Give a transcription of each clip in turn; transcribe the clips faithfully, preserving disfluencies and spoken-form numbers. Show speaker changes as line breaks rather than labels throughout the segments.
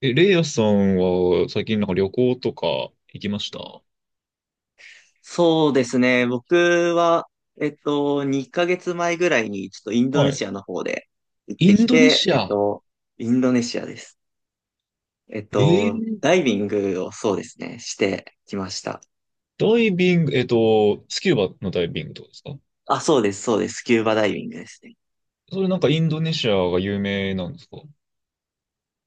え、レイヤさんは最近なんか旅行とか行きました？
そうですね。僕は、えっと、にかげつまえぐらいに、ちょっとインド
は
ネ
い。
シアの方で行っ
イ
て
ン
き
ドネ
て、
シ
えっ
ア。
と、インドネシアです。えっ
え
と、
ー
ダイビングをそうですね、してきました。
ダイビング、えっと、スキューバのダイビングとかですか？
あ、そうです、そうです。スキューバダイビングですね。
それなんかインドネシアが有名なんですか？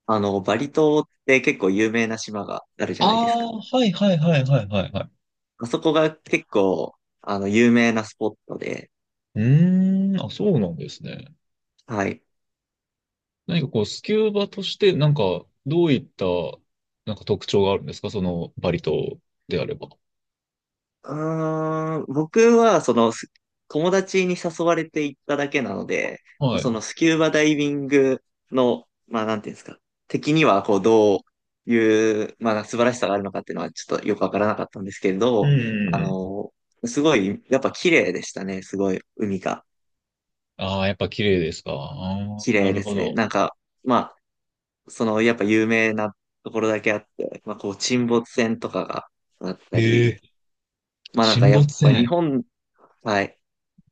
あの、バリ島って結構有名な島があるじゃないですか。
ああー、はいはいはいはいはいはい。
あそこが結構、あの、有名なスポットで、
うーん、あ、そうなんですね。
はい。
何かこう、スキューバとしてなんかどういったなんか特徴があるんですか、そのバリ島であれば？
うーん、僕は、その、す友達に誘われて行っただけなので、
はい。
そのスキューバダイビングの、まあ、なんていうんですか、敵には、こう、どういう、まあ、素晴らしさがあるのかっていうのは、ちょっとよくわからなかったんですけれ
うん
ど、
う
あ
んうん。
の、すごい、やっぱ綺麗でしたね。すごい、海が
ああ、やっぱ綺麗ですか？ああ
綺
ー、な
麗
る
で
ほ
すね。
ど。
なんか、まあ、その、やっぱ有名なところだけあって、まあ、こう、沈没船とかがあった
へ
り、
え、
まあ、なん
沈
かや
没
っぱ日
船。
本、はい。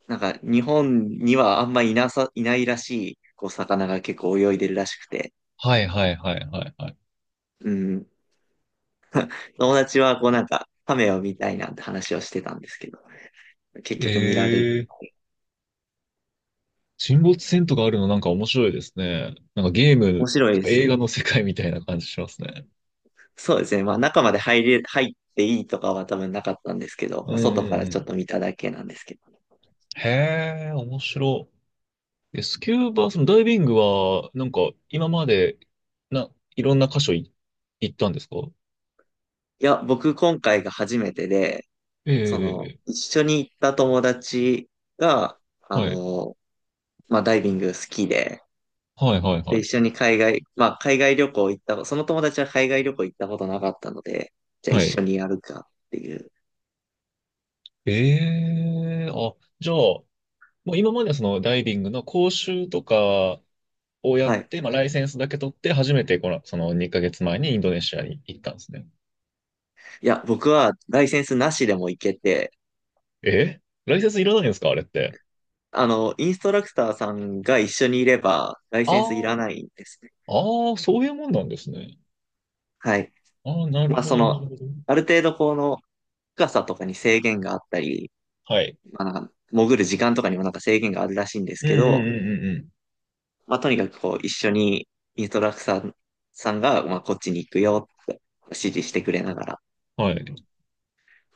なんか日本にはあんまいなさ、いないらしい、こう魚が結構泳いでるらしくて、
はいはいはいはいはい。
うん。友達はこうなんか、カメを見たいなんて話をしてたんですけど、結局見られる。
ええ、沈没船とかあるのなんか面白いですね。なんかゲー
面
ム
白
と
いで
か
す
映
ね。
画の世界みたいな感じしますね。
そうですね。まあ中まで入れ、入っていいとかは多分なかったんですけど、
うん
まあ、外
う
か
んう
らちょっ
ん。
と見ただけなんですけど。
へえ、面白い。えスキューバ、そのダイビングは、なんか今まで、な、いろんな箇所い行ったんですか？
いや、僕今回が初めてで、その、
ええ、
一緒に行った友達が、あ
はい。
の、まあダイビング好きで、
はいはいは
で、一
い。
緒に海外、まあ、海外旅行行った、その友達は海外旅行行ったことなかったので、じゃあ
は
一
い。
緒にやるかっていう。
ええ、あ、じゃあ、もう今まではそのダイビングの講習とか、をやっ
はい。
て、まあ、ライセンスだけ取って、初めてこの、そのにかげつまえにインドネシアに行ったんですね。
いや、僕はライセンスなしでも行けて、
えライセンスいらないんですか、あれって？
あの、インストラクターさんが一緒にいれば、ライ
あ
センスい
あ、
らないんですね。
ああ、そういうもんなんですね。
はい。
ああ、なる
まあ、
ほ
そ
ど、な
の、
るほど。
ある程度この深さとかに制限があったり、
はい。
まあ、なんか潜る時間とかにもなんか制限があるらしいんです
うんう
け
んう
ど、
んうん
まあ、とにかくこう、一緒にインストラクターさんが、まあ、こっちに行くよって指示してくれながら、
うん。はい。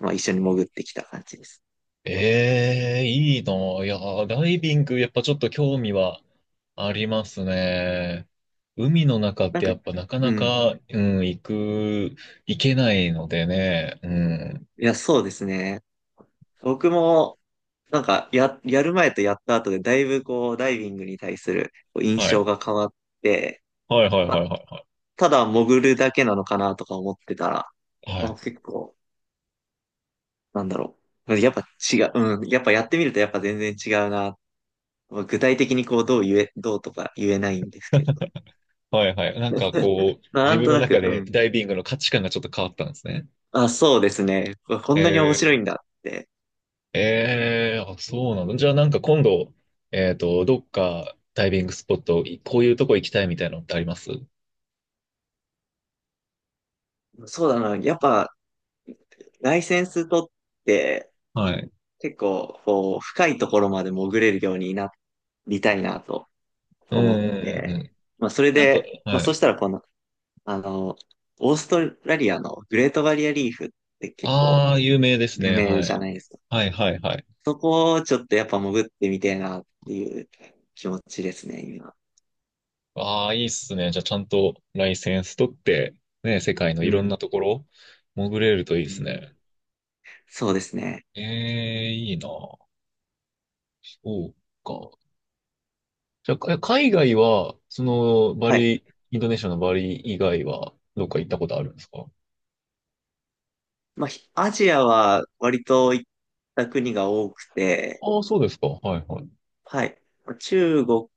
まあ一緒に潜ってきた感じです。
ええ、いいなぁ、いやー、ダイビング、やっぱちょっと興味はありますね。海の中っ
なん
て
か、
やっぱなか
う
な
ん。
か、うん、行く、行けないのでね。うん。
いや、そうですね。僕も、なんか、や、やる前とやった後で、だいぶこう、ダイビングに対するこう印
は
象
い。
が変わって、
はいはい
ま
は
あ、
いはい
ただ潜るだけなのかなとか思ってたら、
はい。は
まあ、
い
結構、なんだろう。やっぱ違う、うん。やっぱやってみるとやっぱ全然違うな。まあ具体的にこう、どう言え、どうとか言えないんですけれど。
はいはい。なんか こう、
な
自
ん
分
と
の
な
中
く、う
で
ん。
ダイビングの価値観がちょっと変わったんですね。
あ、そうですね。ここんなに面
え
白いんだって。
ー、えー、あ、そうなの。じゃあなんか今度、えっと、どっかダイビングスポット、いこういうとこ行きたいみたいなのってあります？
そうだな。やっぱ、ライセンス取って
はい。
結構こう深いところまで潜れるようになりたいなと
うん
思っ
うんう
て、
んうん。
まあそれ
なんか、
で、まあ
は
そ
い。
したらこの、あの、オーストラリアのグレートバリアリーフって結構
ああ、有名です
有
ね。
名
は
じゃ
い。
ないですか。
はいはいはい。
そこをちょっとやっぱ潜ってみてえなっていう気持ちですね、今。
ああ、いいっすね。じゃあちゃんとライセンス取って、ね、世界の
う
いろん
ん。
なところ、潜れるといい
う
です
ん。
ね。
そうですね。
ええー、いいな。そうか。じゃあ、か海外は、その、バ
はい。
リ、インドネシアのバリ以外は、どっか行ったことあるんですか？
まあ、ひアジアは割と行った国が多くて、
ああ、そうですか。はいはい。
はい。中国、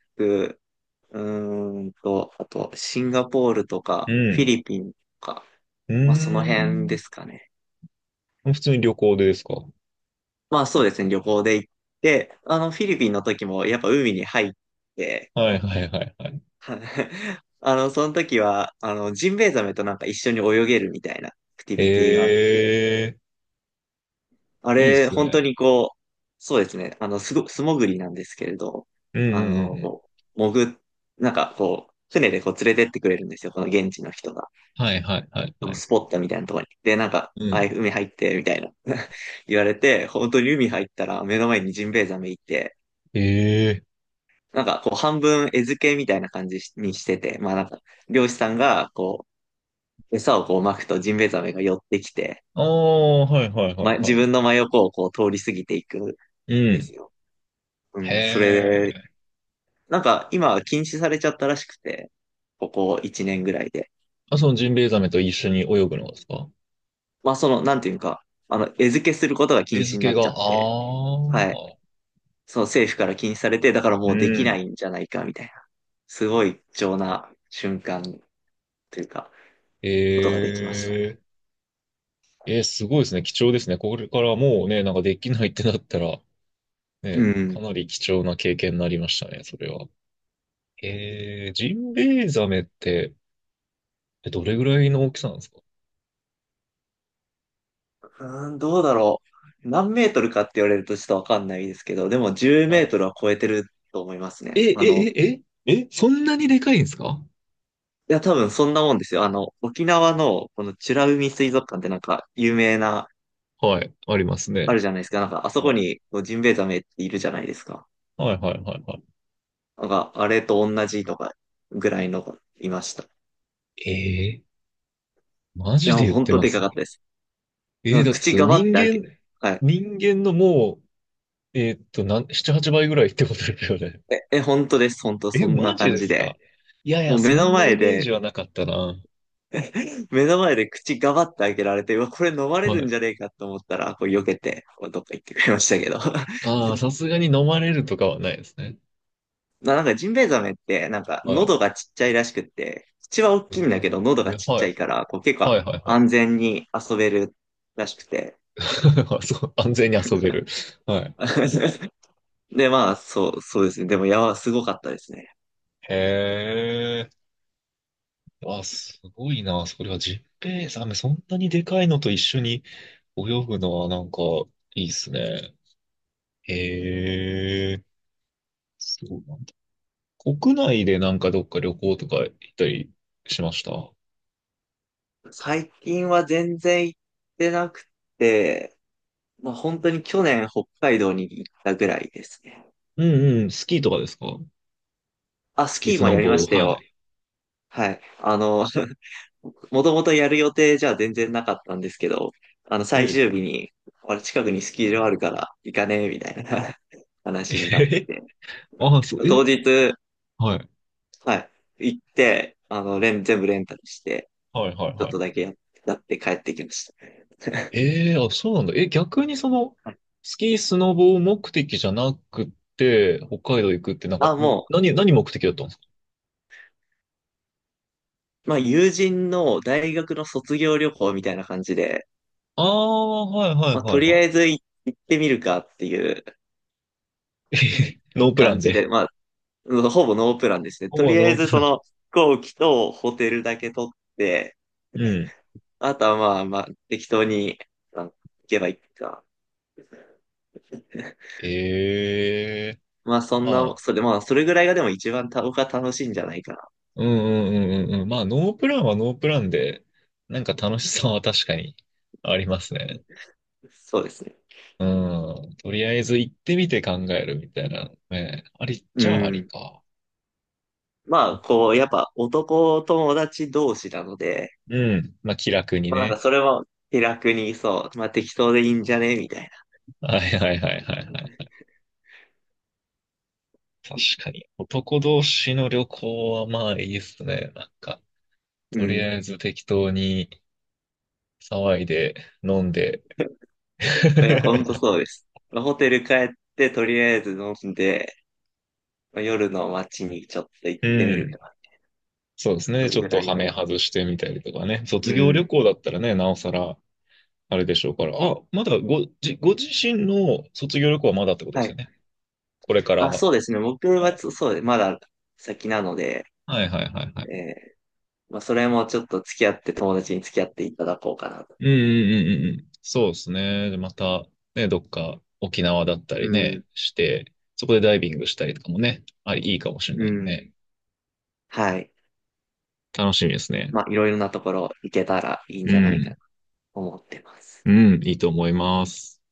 うーんと、あと、シンガポールと
う
か、フィ
ん。
リピンとか、
う
まあ、その辺です
ー
かね。
ん。普通に旅行でですか？
まあ、そうですね、旅行で行って、あの、フィリピンの時も、やっぱ海に入って、
はいはいはいはい。
は あの、その時は、あの、ジンベエザメとなんか一緒に泳げるみたいなアクティ
え
ビティがあって、
え、
あ
いいっ
れ、
す
本当
ね。
にこう、そうですね、あの、すご、素潜りなんですけれど、
うんう
あ
んう
の、
んうん。
こう、潜っ、なんかこう、船でこう連れてってくれるんですよ、この現地の人が。
はいはいはいはい。
スポットみたいなところに。で、なんか、
う
はい
ん。
海入って、みたいな 言われて、本当に海入ったら目の前にジンベエザメいて、
ええ、
なんかこう半分餌付けみたいな感じにしてて、まあなんか、漁師さんがこう、餌をこう撒くとジンベエザメが寄ってきて、
ああ、はいはいはい
ま、自
は
分
い。
の真横をこう通り過ぎていくん
う
です
ん。
よ。う
へ
ん、それで、
え。
なんか今は禁止されちゃったらしくて、ここいちねんぐらいで。
あ、そのジンベエザメと一緒に泳ぐのですか？
まあその、なんていうか、あの、餌付けすることが禁
餌
止に
付
な
け
っ
が、
ちゃ
あ
って、
あ。
はい。そう政府から禁止されて、だから
う
もうできな
ん。
いんじゃないかみたいな、すごい貴重な瞬間というか、ことができましたね。
えええー、すごいですね。貴重ですね。これからもうね、なんかできないってなったら、
う
ね、か
ん。
なり貴重な経験になりましたね、それは。えー、ジンベエザメって、えどれぐらいの大きさなんですか？
うーん、どうだろう。何メートルかって言われるとちょっとわかんないですけど、でも10メ
は
ー
い。
トルは超えてると思いますね。
え、え、
あの、
え、え、え、そんなにでかいんですか？
いや、多分そんなもんですよ。あの、沖縄のこの美ら海水族館ってなんか有名な、
はい、あります
あ
ね。
るじゃないですか。なんかあそこ
はい。
にこうジンベエザメっているじゃないですか。
はい、はい、はい、は
なんかあれと同じとかぐらいのがいました。い
い。えー、マジ
や、
で
もう
言っ
ほん
て
と
ま
でか
す？
かったです。
え
なん
ー、
か
だって
口
それ
がばって
人
開ける。
間、
はい。
人間のもう、えーっと、なん、なな、はちばいぐらいってことですよね。
え、え、本当です。本当、
え、
そん
マ
な
ジ
感
で
じ
す
で。
か？いやい
も
や、
う目
そ
の
んなイ
前
メー
で、
ジはなかったな。
目の前で口がばって開けられて、うわ、これ飲まれ
は
るん
い。
じゃねえかと思ったら、こう避けて、こうどっか行ってくれましたけど。
ああ、さすがに飲まれるとかはないですね。
ななんかジンベエザメって、なんか
はい。
喉がちっちゃいらしくって、口は大
え
きいんだけど、喉
ー、
が
え
ちっち
は
ゃ
い。
いから、こう結構
はいはいは
安全に遊べるらしくて。
い。そう、安全に遊べる。はい。
で、まあ、そう、そうですね。でも、やば、すごかったですね。
へえ。あ、すごいな。それはジッペイザメ、そんなにでかいのと一緒に泳ぐのはなんかいいっすね。へえ。そうなんだ。国内でなんかどっか旅行とか行ったりしました？
最近は全然行ってなくて、まあ、本当に去年北海道に行ったぐらいですね。
うんうん。スキーとかですか？
あ、ス
月
キー
ス
も
ノ
やりま
ボ、
した
は
よ。
い。
はい。あの、もともとやる予定じゃ全然なかったんですけど、あの、最
え
終日に、あれ近くにスキー場あるから行かねえ、みたいな 話になっ
え。
て、
ああ、そう、え
当日、
はい。
はい、行って、あの、レン、全部レンタルして、
はいはい
ちょっ
は
と
い。
だけやっやって帰ってきました。
ええ、あ、そうなんだ。え、逆にその、
はい、
スキー、スノボ目的じゃなくて、北海道行くって、なんか、ん
あ、も
何、何目的だったんですか？
う、まあ、友人の大学の卒業旅行みたいな感じで、
ああ、はいはい
まあ、
は
と
い
り
は
あ
い。
えず行行ってみるかっていう
ノープラ
感
ン
じで、
で。
まあ、ほぼノープランですね。
ほ
と
ぼ
りあえ
ノー
ず
プラ
そ
ン。
の飛行機とホテルだけ取って、
うん。
あとはまあまあ適当にあ行けばいいか。
ええ、
まあそん
ま
な、そ
あ、
れまあそれぐらいがでも一番た僕は楽しいんじゃないかな。
うんうんうんうんうん。まあ、ノープランはノープランで、なんか楽しさは確かにありますね。
そうですね。
うん。とりあえず行ってみて考えるみたいなね。ありっ
う
ちゃあり
ん。
か。
まあこう、やっぱ男友達同士なので、
うん。まあ、気楽に
まあなんか
ね。
それも気楽にそう、まあ適当でいいんじゃねみたいな。
はいはいはいはいはい。確かに。男同士の旅行はまあいいっすね。なんか、
う
とり
ん。
あえず適当に騒いで、飲んで。
いや、ほんとそう です。まあホテル帰ってとりあえず飲んで、夜の街にちょっと行っ
う
てみると
ん。
か、
そうです
そ
ね。
れ
ちょっ
ぐ
と
らい
ハ
の。
メ外してみたりとかね。
う
卒業旅
ん。
行だったらね、なおさら、あれでしょうから。あ、まだご、じ、ご自身の卒業旅行はまだってことで
は
すよ
い。
ね？これから。
あ、
は
そうですね。僕は
い
つそうです、まだ先なので、
はいはいはいはい。
えーまあ、それもちょっと付き合って、友達に付き合っていただこうかなと。
うんうんうんうんうん。そうですね。でまた、ね、どっか沖縄だった
う
りね、
ん。
して、そこでダイビングしたりとかもね、あり、いいかもしれ
う
ないんで
ん。
ね。
はい。
楽しみですね。
まあ、いろいろなところ行けたらいいん
う
じゃないか
ん。
と思ってます。
うん、いいと思います。